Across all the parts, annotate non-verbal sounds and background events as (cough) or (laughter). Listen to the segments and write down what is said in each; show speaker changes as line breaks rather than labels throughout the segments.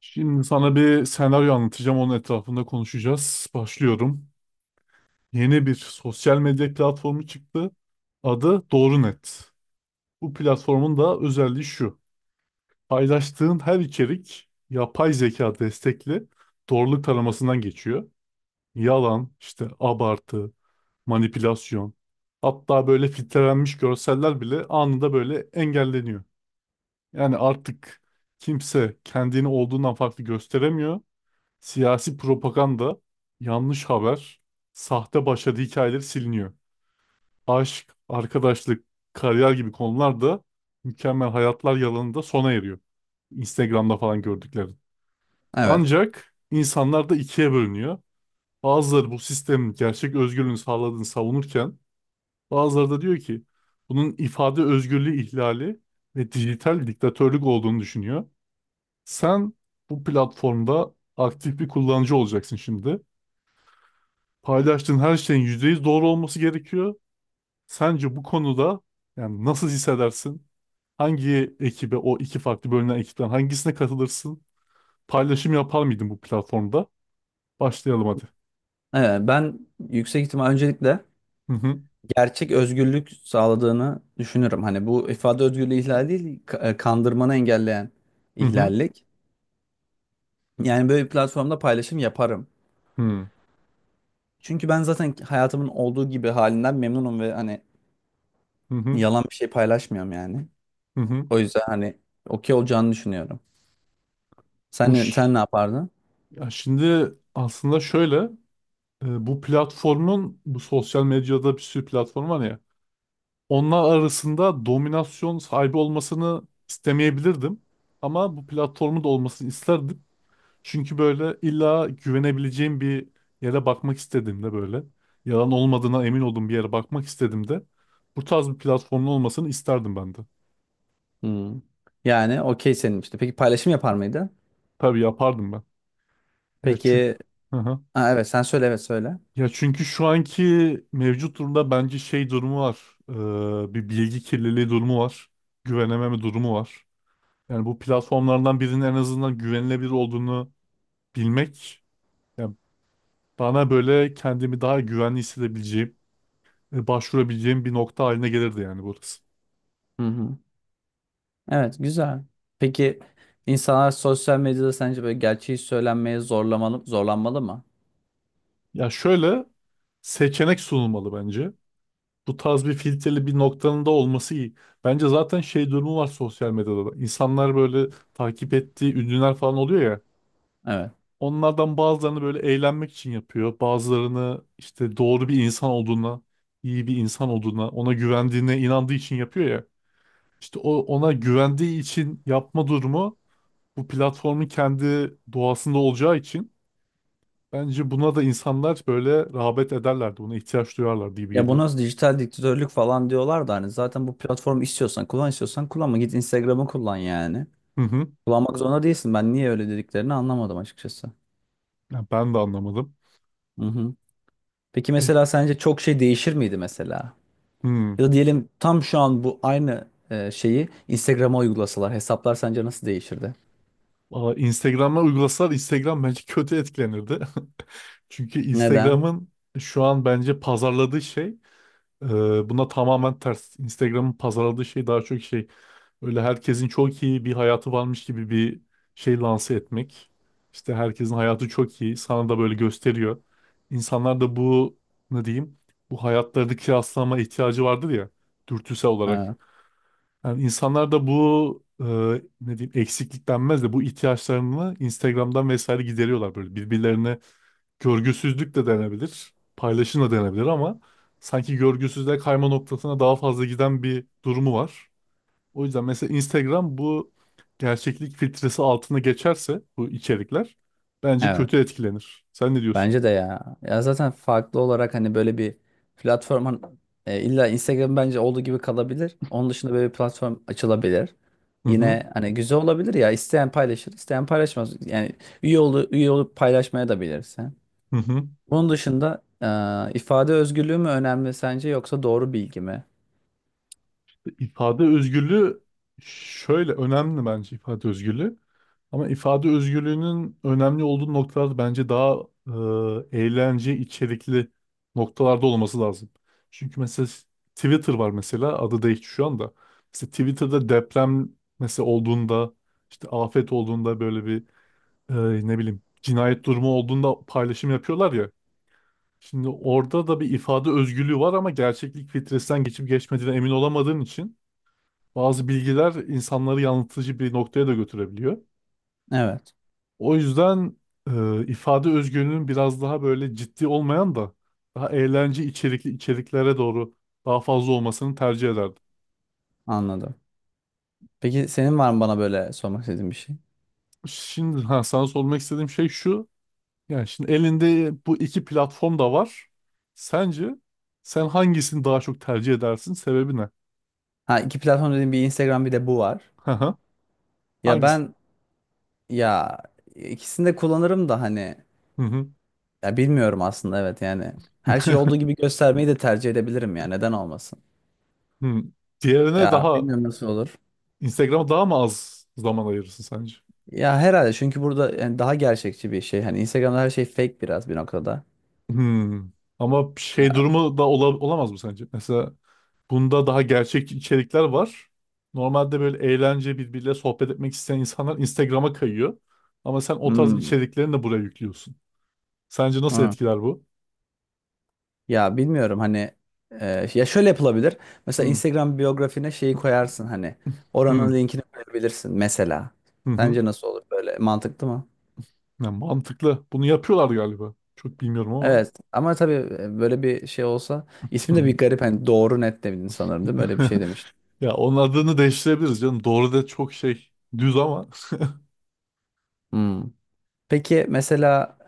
Şimdi sana bir senaryo anlatacağım. Onun etrafında konuşacağız. Başlıyorum. Yeni bir sosyal medya platformu çıktı. Adı DoğruNet. Bu platformun da özelliği şu. Paylaştığın her içerik yapay zeka destekli doğruluk taramasından geçiyor. Yalan, işte abartı, manipülasyon. Hatta böyle filtrelenmiş görseller bile anında böyle engelleniyor. Yani artık kimse kendini olduğundan farklı gösteremiyor. Siyasi propaganda, yanlış haber, sahte başarı hikayeleri siliniyor. Aşk, arkadaşlık, kariyer gibi konular da mükemmel hayatlar yalanında sona eriyor. Instagram'da falan gördüklerin.
Evet.
Ancak insanlar da ikiye bölünüyor. Bazıları bu sistemin gerçek özgürlüğünü sağladığını savunurken bazıları da diyor ki bunun ifade özgürlüğü ihlali ve dijital diktatörlük olduğunu düşünüyor. Sen bu platformda aktif bir kullanıcı olacaksın şimdi. Paylaştığın her şeyin %100 doğru olması gerekiyor. Sence bu konuda yani nasıl hissedersin? Hangi ekibe, o iki farklı bölünen ekipten hangisine katılırsın? Paylaşım yapar mıydın bu platformda? Başlayalım hadi.
Evet, ben yüksek ihtimal öncelikle
Hı hı,
gerçek özgürlük sağladığını düşünürüm. Hani bu ifade özgürlüğü ihlali değil, kandırmanı engelleyen
hı hı,
ihlallik. Yani böyle bir platformda paylaşım yaparım.
hı
Çünkü ben zaten hayatımın olduğu gibi halinden memnunum ve hani
hı, hı.
yalan bir şey paylaşmıyorum yani.
Hı hı.
O yüzden hani okey olacağını düşünüyorum. Sen,
Bu ş-
sen ne yapardın?
ya şimdi aslında şöyle, bu platformun, bu sosyal medyada bir sürü platform var ya, onlar arasında dominasyon sahibi olmasını istemeyebilirdim ama bu platformun da olmasını isterdim. Çünkü böyle illa güvenebileceğim bir yere bakmak istediğimde, böyle yalan olmadığına emin olduğum bir yere bakmak istediğimde, bu tarz bir platformun olmasını isterdim ben de.
Hmm. Yani okey senin işte. Peki paylaşım yapar mıydı?
Tabii yapardım ben. Ya çünkü.
Peki,
Hı hı.
ha, evet sen söyle, evet söyle.
Ya çünkü şu anki mevcut durumda bence şey durumu var. Bir bilgi kirliliği durumu var. Güvenememe durumu var. Yani bu platformlardan birinin en azından güvenilebilir olduğunu bilmek, yani bana böyle kendimi daha güvenli hissedebileceğim, başvurabileceğim bir nokta haline gelirdi yani burası.
Hı hı. Evet, güzel. Peki insanlar sosyal medyada sence böyle gerçeği söylenmeye zorlamalı, zorlanmalı mı?
Ya şöyle, seçenek sunulmalı bence. Bu tarz bir filtreli bir noktanın da olması iyi. Bence zaten şey durumu var sosyal medyada da. İnsanlar böyle takip ettiği ünlüler falan oluyor ya.
Evet.
Onlardan bazılarını böyle eğlenmek için yapıyor. Bazılarını işte doğru bir insan olduğuna, iyi bir insan olduğuna, ona güvendiğine inandığı için yapıyor ya. İşte o ona güvendiği için yapma durumu bu platformun kendi doğasında olacağı için, bence buna da insanlar böyle rağbet ederlerdi. Buna ihtiyaç duyarlardı gibi
Ya bu
geliyor.
nasıl dijital diktatörlük falan diyorlar da hani zaten bu platformu istiyorsan kullan, istiyorsan kullanma, git Instagram'ı kullan yani.
Hı hı.
Kullanmak zorunda değilsin. Ben niye öyle dediklerini anlamadım açıkçası.
Ya ben de anlamadım.
Hı hı. Peki
Pe
mesela sence çok şey değişir miydi mesela?
hı.
Ya da diyelim tam şu an bu aynı şeyi Instagram'a uygulasalar hesaplar sence nasıl değişirdi?
Valla Instagram'a uygulasalar Instagram bence kötü etkilenirdi. (laughs) Çünkü
Neden?
Instagram'ın şu an bence pazarladığı şey, Ee, buna tamamen ters. Instagram'ın pazarladığı şey daha çok şey, öyle herkesin çok iyi bir hayatı varmış gibi bir şey lanse etmek. İşte herkesin hayatı çok iyi. Sana da böyle gösteriyor. İnsanlar da bu, ne diyeyim, bu hayatlarını kıyaslama ihtiyacı vardır ya, dürtüsel olarak.
Evet.
Yani insanlar da bu, ne diyeyim, eksiklik denmez de bu ihtiyaçlarını Instagram'dan vesaire gideriyorlar, böyle birbirlerine görgüsüzlük de denebilir, paylaşım da denebilir ama sanki görgüsüzlüğe kayma noktasına daha fazla giden bir durumu var. O yüzden mesela Instagram bu gerçeklik filtresi altına geçerse bu içerikler bence
Evet.
kötü etkilenir. Sen ne diyorsun?
Bence de ya. Ya zaten farklı olarak hani böyle bir platform hani, illa Instagram bence olduğu gibi kalabilir. Onun dışında böyle bir platform açılabilir.
Hı hı,
Yine hani güzel olabilir ya. İsteyen paylaşır, isteyen paylaşmaz. Yani üye olup paylaşmaya da bilirsin.
hı hı.
Bunun dışında ifade özgürlüğü mü önemli sence yoksa doğru bilgi mi?
İfade özgürlüğü şöyle önemli bence, ifade özgürlüğü. Ama ifade özgürlüğünün önemli olduğu noktalar bence daha, eğlence içerikli noktalarda olması lazım. Çünkü mesela Twitter var mesela, adı değişti şu anda. Mesela Twitter'da deprem mesela olduğunda, işte afet olduğunda, böyle bir, ne bileyim, cinayet durumu olduğunda paylaşım yapıyorlar ya. Şimdi orada da bir ifade özgürlüğü var ama gerçeklik filtresinden geçip geçmediğine emin olamadığın için bazı bilgiler insanları yanıltıcı bir noktaya da götürebiliyor.
Evet,
O yüzden ifade özgürlüğünün biraz daha böyle ciddi olmayan da daha eğlence içerikli içeriklere doğru daha fazla olmasını tercih ederdim.
anladım. Peki senin var mı bana böyle sormak istediğin bir şey?
Şimdi ha, sana sormak istediğim şey şu. Yani şimdi elinde bu iki platform da var. Sence sen hangisini daha çok tercih edersin? Sebebi ne?
Ha iki platform dediğim bir Instagram bir de bu var.
Hı hı.
Ya
Hangisi?
ben, ya ikisini de kullanırım da hani.
Hı hı.
Ya bilmiyorum aslında, evet yani. Her şey olduğu
(laughs)
gibi göstermeyi de tercih edebilirim ya. Neden olmasın?
Hı. Diğerine
Ya
daha,
bilmiyorum nasıl olur.
Instagram'a daha mı az zaman ayırırsın sence?
Ya herhalde çünkü burada yani daha gerçekçi bir şey. Hani Instagram'da her şey fake biraz bir noktada.
Hmm. Ama şey
Ya
durumu da olamaz mı sence? Mesela, bunda daha gerçek içerikler var. Normalde böyle eğlence, birbiriyle sohbet etmek isteyen insanlar Instagram'a kayıyor. Ama sen o tarz
hmm,
içeriklerini de buraya yüklüyorsun. Sence nasıl
hı.
etkiler bu?
Ya bilmiyorum hani, ya şöyle yapılabilir. Mesela
Hı
Instagram biyografine şeyi koyarsın hani,
hı,
oranın linkini koyabilirsin mesela.
hı hı.
Sence nasıl olur, böyle mantıklı mı?
Ya mantıklı. Bunu yapıyorlar galiba. Çok bilmiyorum ama.
Evet ama tabii, böyle bir şey olsa
Hı
ismi de
hı.
bir garip hani, doğru net demedin sanırım değil mi? Öyle bir şey demiştin.
(laughs) Ya onun adını değiştirebiliriz canım. Doğru da çok şey, düz ama. (laughs)
Hmm. Peki mesela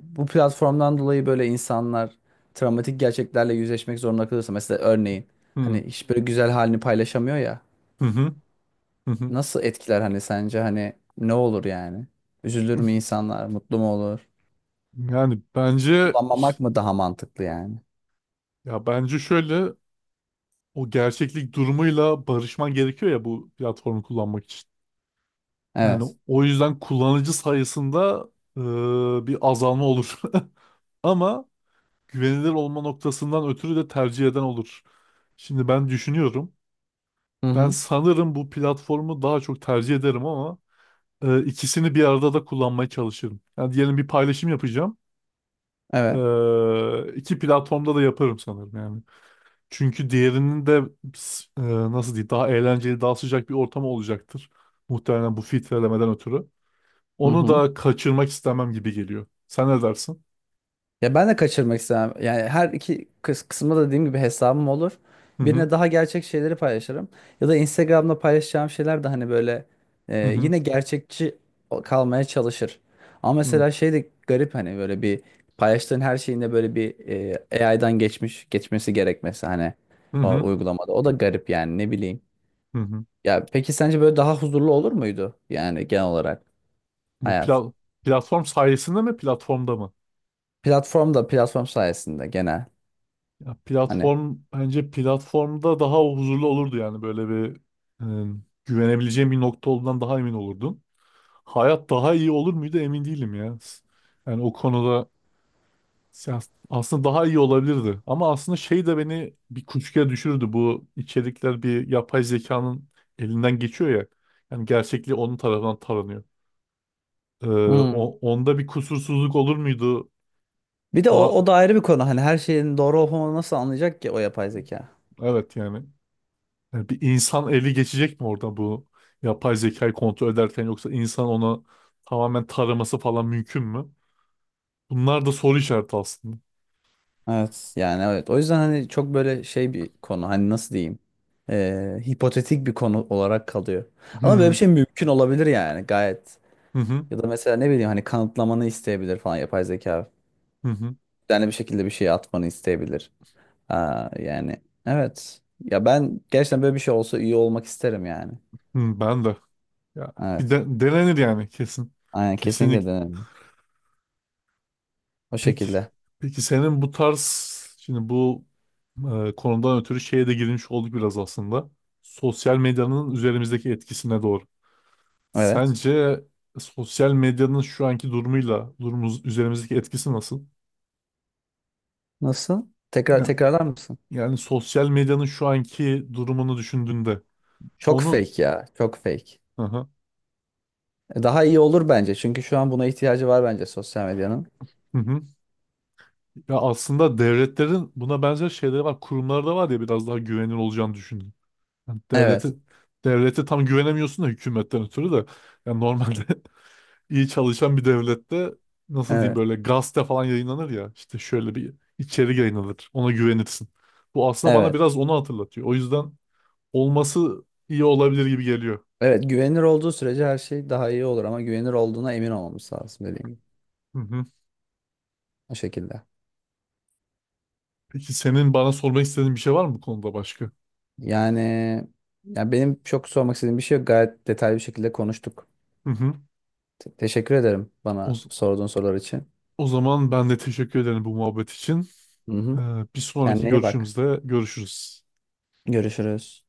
bu platformdan dolayı böyle insanlar travmatik gerçeklerle yüzleşmek zorunda kalırsa mesela örneğin
Hı
hani hiç böyle güzel halini paylaşamıyor ya,
hı, hı hı. Hı.
nasıl etkiler hani, sence hani ne olur yani? Üzülür mü insanlar? Mutlu mu olur?
Yani bence,
Kullanmamak mı daha mantıklı yani?
ya bence şöyle, o gerçeklik durumuyla barışman gerekiyor ya bu platformu kullanmak için. Yani
Evet.
o yüzden kullanıcı sayısında bir azalma olur. (laughs) Ama güvenilir olma noktasından ötürü de tercih eden olur. Şimdi ben düşünüyorum.
Hı
Ben
hı.
sanırım bu platformu daha çok tercih ederim ama ikisini bir arada da kullanmaya çalışırım. Yani diyelim bir paylaşım yapacağım.
Evet.
İki platformda da yaparım sanırım yani. Çünkü diğerinin de, e, nasıl diyeyim, daha eğlenceli, daha sıcak bir ortamı olacaktır. Muhtemelen bu filtrelemeden ötürü.
Hı
Onu
hı.
da kaçırmak istemem gibi geliyor. Sen ne dersin?
Ya ben de kaçırmak istemem. Yani her iki kısımda da dediğim gibi hesabım olur.
Hı
Birine
hı,
daha gerçek şeyleri paylaşırım. Ya da Instagram'da paylaşacağım şeyler de hani böyle
hı hı,
yine gerçekçi kalmaya çalışır. Ama
hı
mesela şey de garip hani, böyle bir paylaştığın her şeyinde böyle bir, AI'dan geçmiş geçmesi gerekmesi hani,
hı,
o
hı.
uygulamada. O da garip yani, ne bileyim.
Hı hı.
Ya peki sence böyle daha huzurlu olur muydu yani genel olarak
Bu
hayat?
pla- Platform sayesinde mi, platformda mı?
Platform da platform sayesinde genel
Ya
hani.
platform, bence platformda daha huzurlu olurdu, yani böyle bir, güvenebileceğim bir nokta olduğundan daha emin olurdum. Hayat daha iyi olur muydu emin değilim ya. Yani o konuda, ya, aslında daha iyi olabilirdi. Ama aslında şey de beni bir kuşkuya düşürdü. Bu içerikler bir yapay zekanın elinden geçiyor ya. Yani gerçekliği onun tarafından taranıyor. Ee,
Hmm.
onda bir kusursuzluk olur muydu?
Bir de o,
Ba-
o da ayrı bir konu. Hani her şeyin doğru olup olmadığını nasıl anlayacak ki o yapay zeka?
evet yani. Yani bir insan eli geçecek mi orada, bu yapay zekayı kontrol ederken, yoksa insan onu tamamen taraması falan mümkün mü? Bunlar da soru işareti aslında.
Evet. Yani evet. O yüzden hani çok böyle şey bir konu. Hani nasıl diyeyim? Hipotetik bir konu olarak kalıyor. Ama böyle bir
Hmm.
şey mümkün olabilir yani gayet.
Hı hı,
Ya da mesela ne bileyim hani kanıtlamanı isteyebilir falan yapay zeka.
hı hı,
Yani bir şekilde bir şey atmanı isteyebilir. Aa, yani evet. Ya ben gerçekten böyle bir şey olsa iyi olmak isterim yani.
hı, ben de. Ya, bir
Evet.
de, denenir yani kesin.
Aynen kesinlikle
Kesinlikle.
denerim. O
Peki,
şekilde.
peki senin bu tarz, şimdi bu, konudan ötürü şeye de girmiş olduk biraz aslında. Sosyal medyanın üzerimizdeki etkisine doğru.
Evet.
Sence sosyal medyanın şu anki durumuyla durumumuz, üzerimizdeki etkisi nasıl?
Nasıl? Tekrar
Ya-
tekrarlar mısın?
Yani, sosyal medyanın şu anki durumunu düşündüğünde
Çok
onun.
fake ya. Çok fake.
Hı hı,
Daha iyi olur bence. Çünkü şu an buna ihtiyacı var bence sosyal medyanın.
hı hı. Ya aslında devletlerin buna benzer şeyleri var. Kurumlarda var ya, biraz daha güvenilir olacağını düşündüm. Yani devlete
Evet.
devlete tam güvenemiyorsun da hükümetten ötürü de, yani normalde (laughs) iyi çalışan bir devlette, nasıl diyeyim,
Evet.
böyle gazete falan yayınlanır ya, işte şöyle bir içerik yayınlanır, ona güvenirsin. Bu aslında bana
Evet.
biraz onu hatırlatıyor. O yüzden olması iyi olabilir gibi geliyor.
Evet. Güvenilir olduğu sürece her şey daha iyi olur ama güvenilir olduğuna emin olmamız lazım dediğim gibi.
Hı hı.
O şekilde.
Peki senin bana sormak istediğin bir şey var mı bu konuda başka?
Yani ya benim çok sormak istediğim bir şey yok. Gayet detaylı bir şekilde konuştuk.
Hı hı.
Teşekkür ederim
O,
bana
z-
sorduğun sorular için.
O zaman ben de teşekkür ederim bu muhabbet için.
Hı
Ee,
hı.
Bir sonraki
Kendine iyi bak.
görüşümüzde görüşürüz.
Görüşürüz.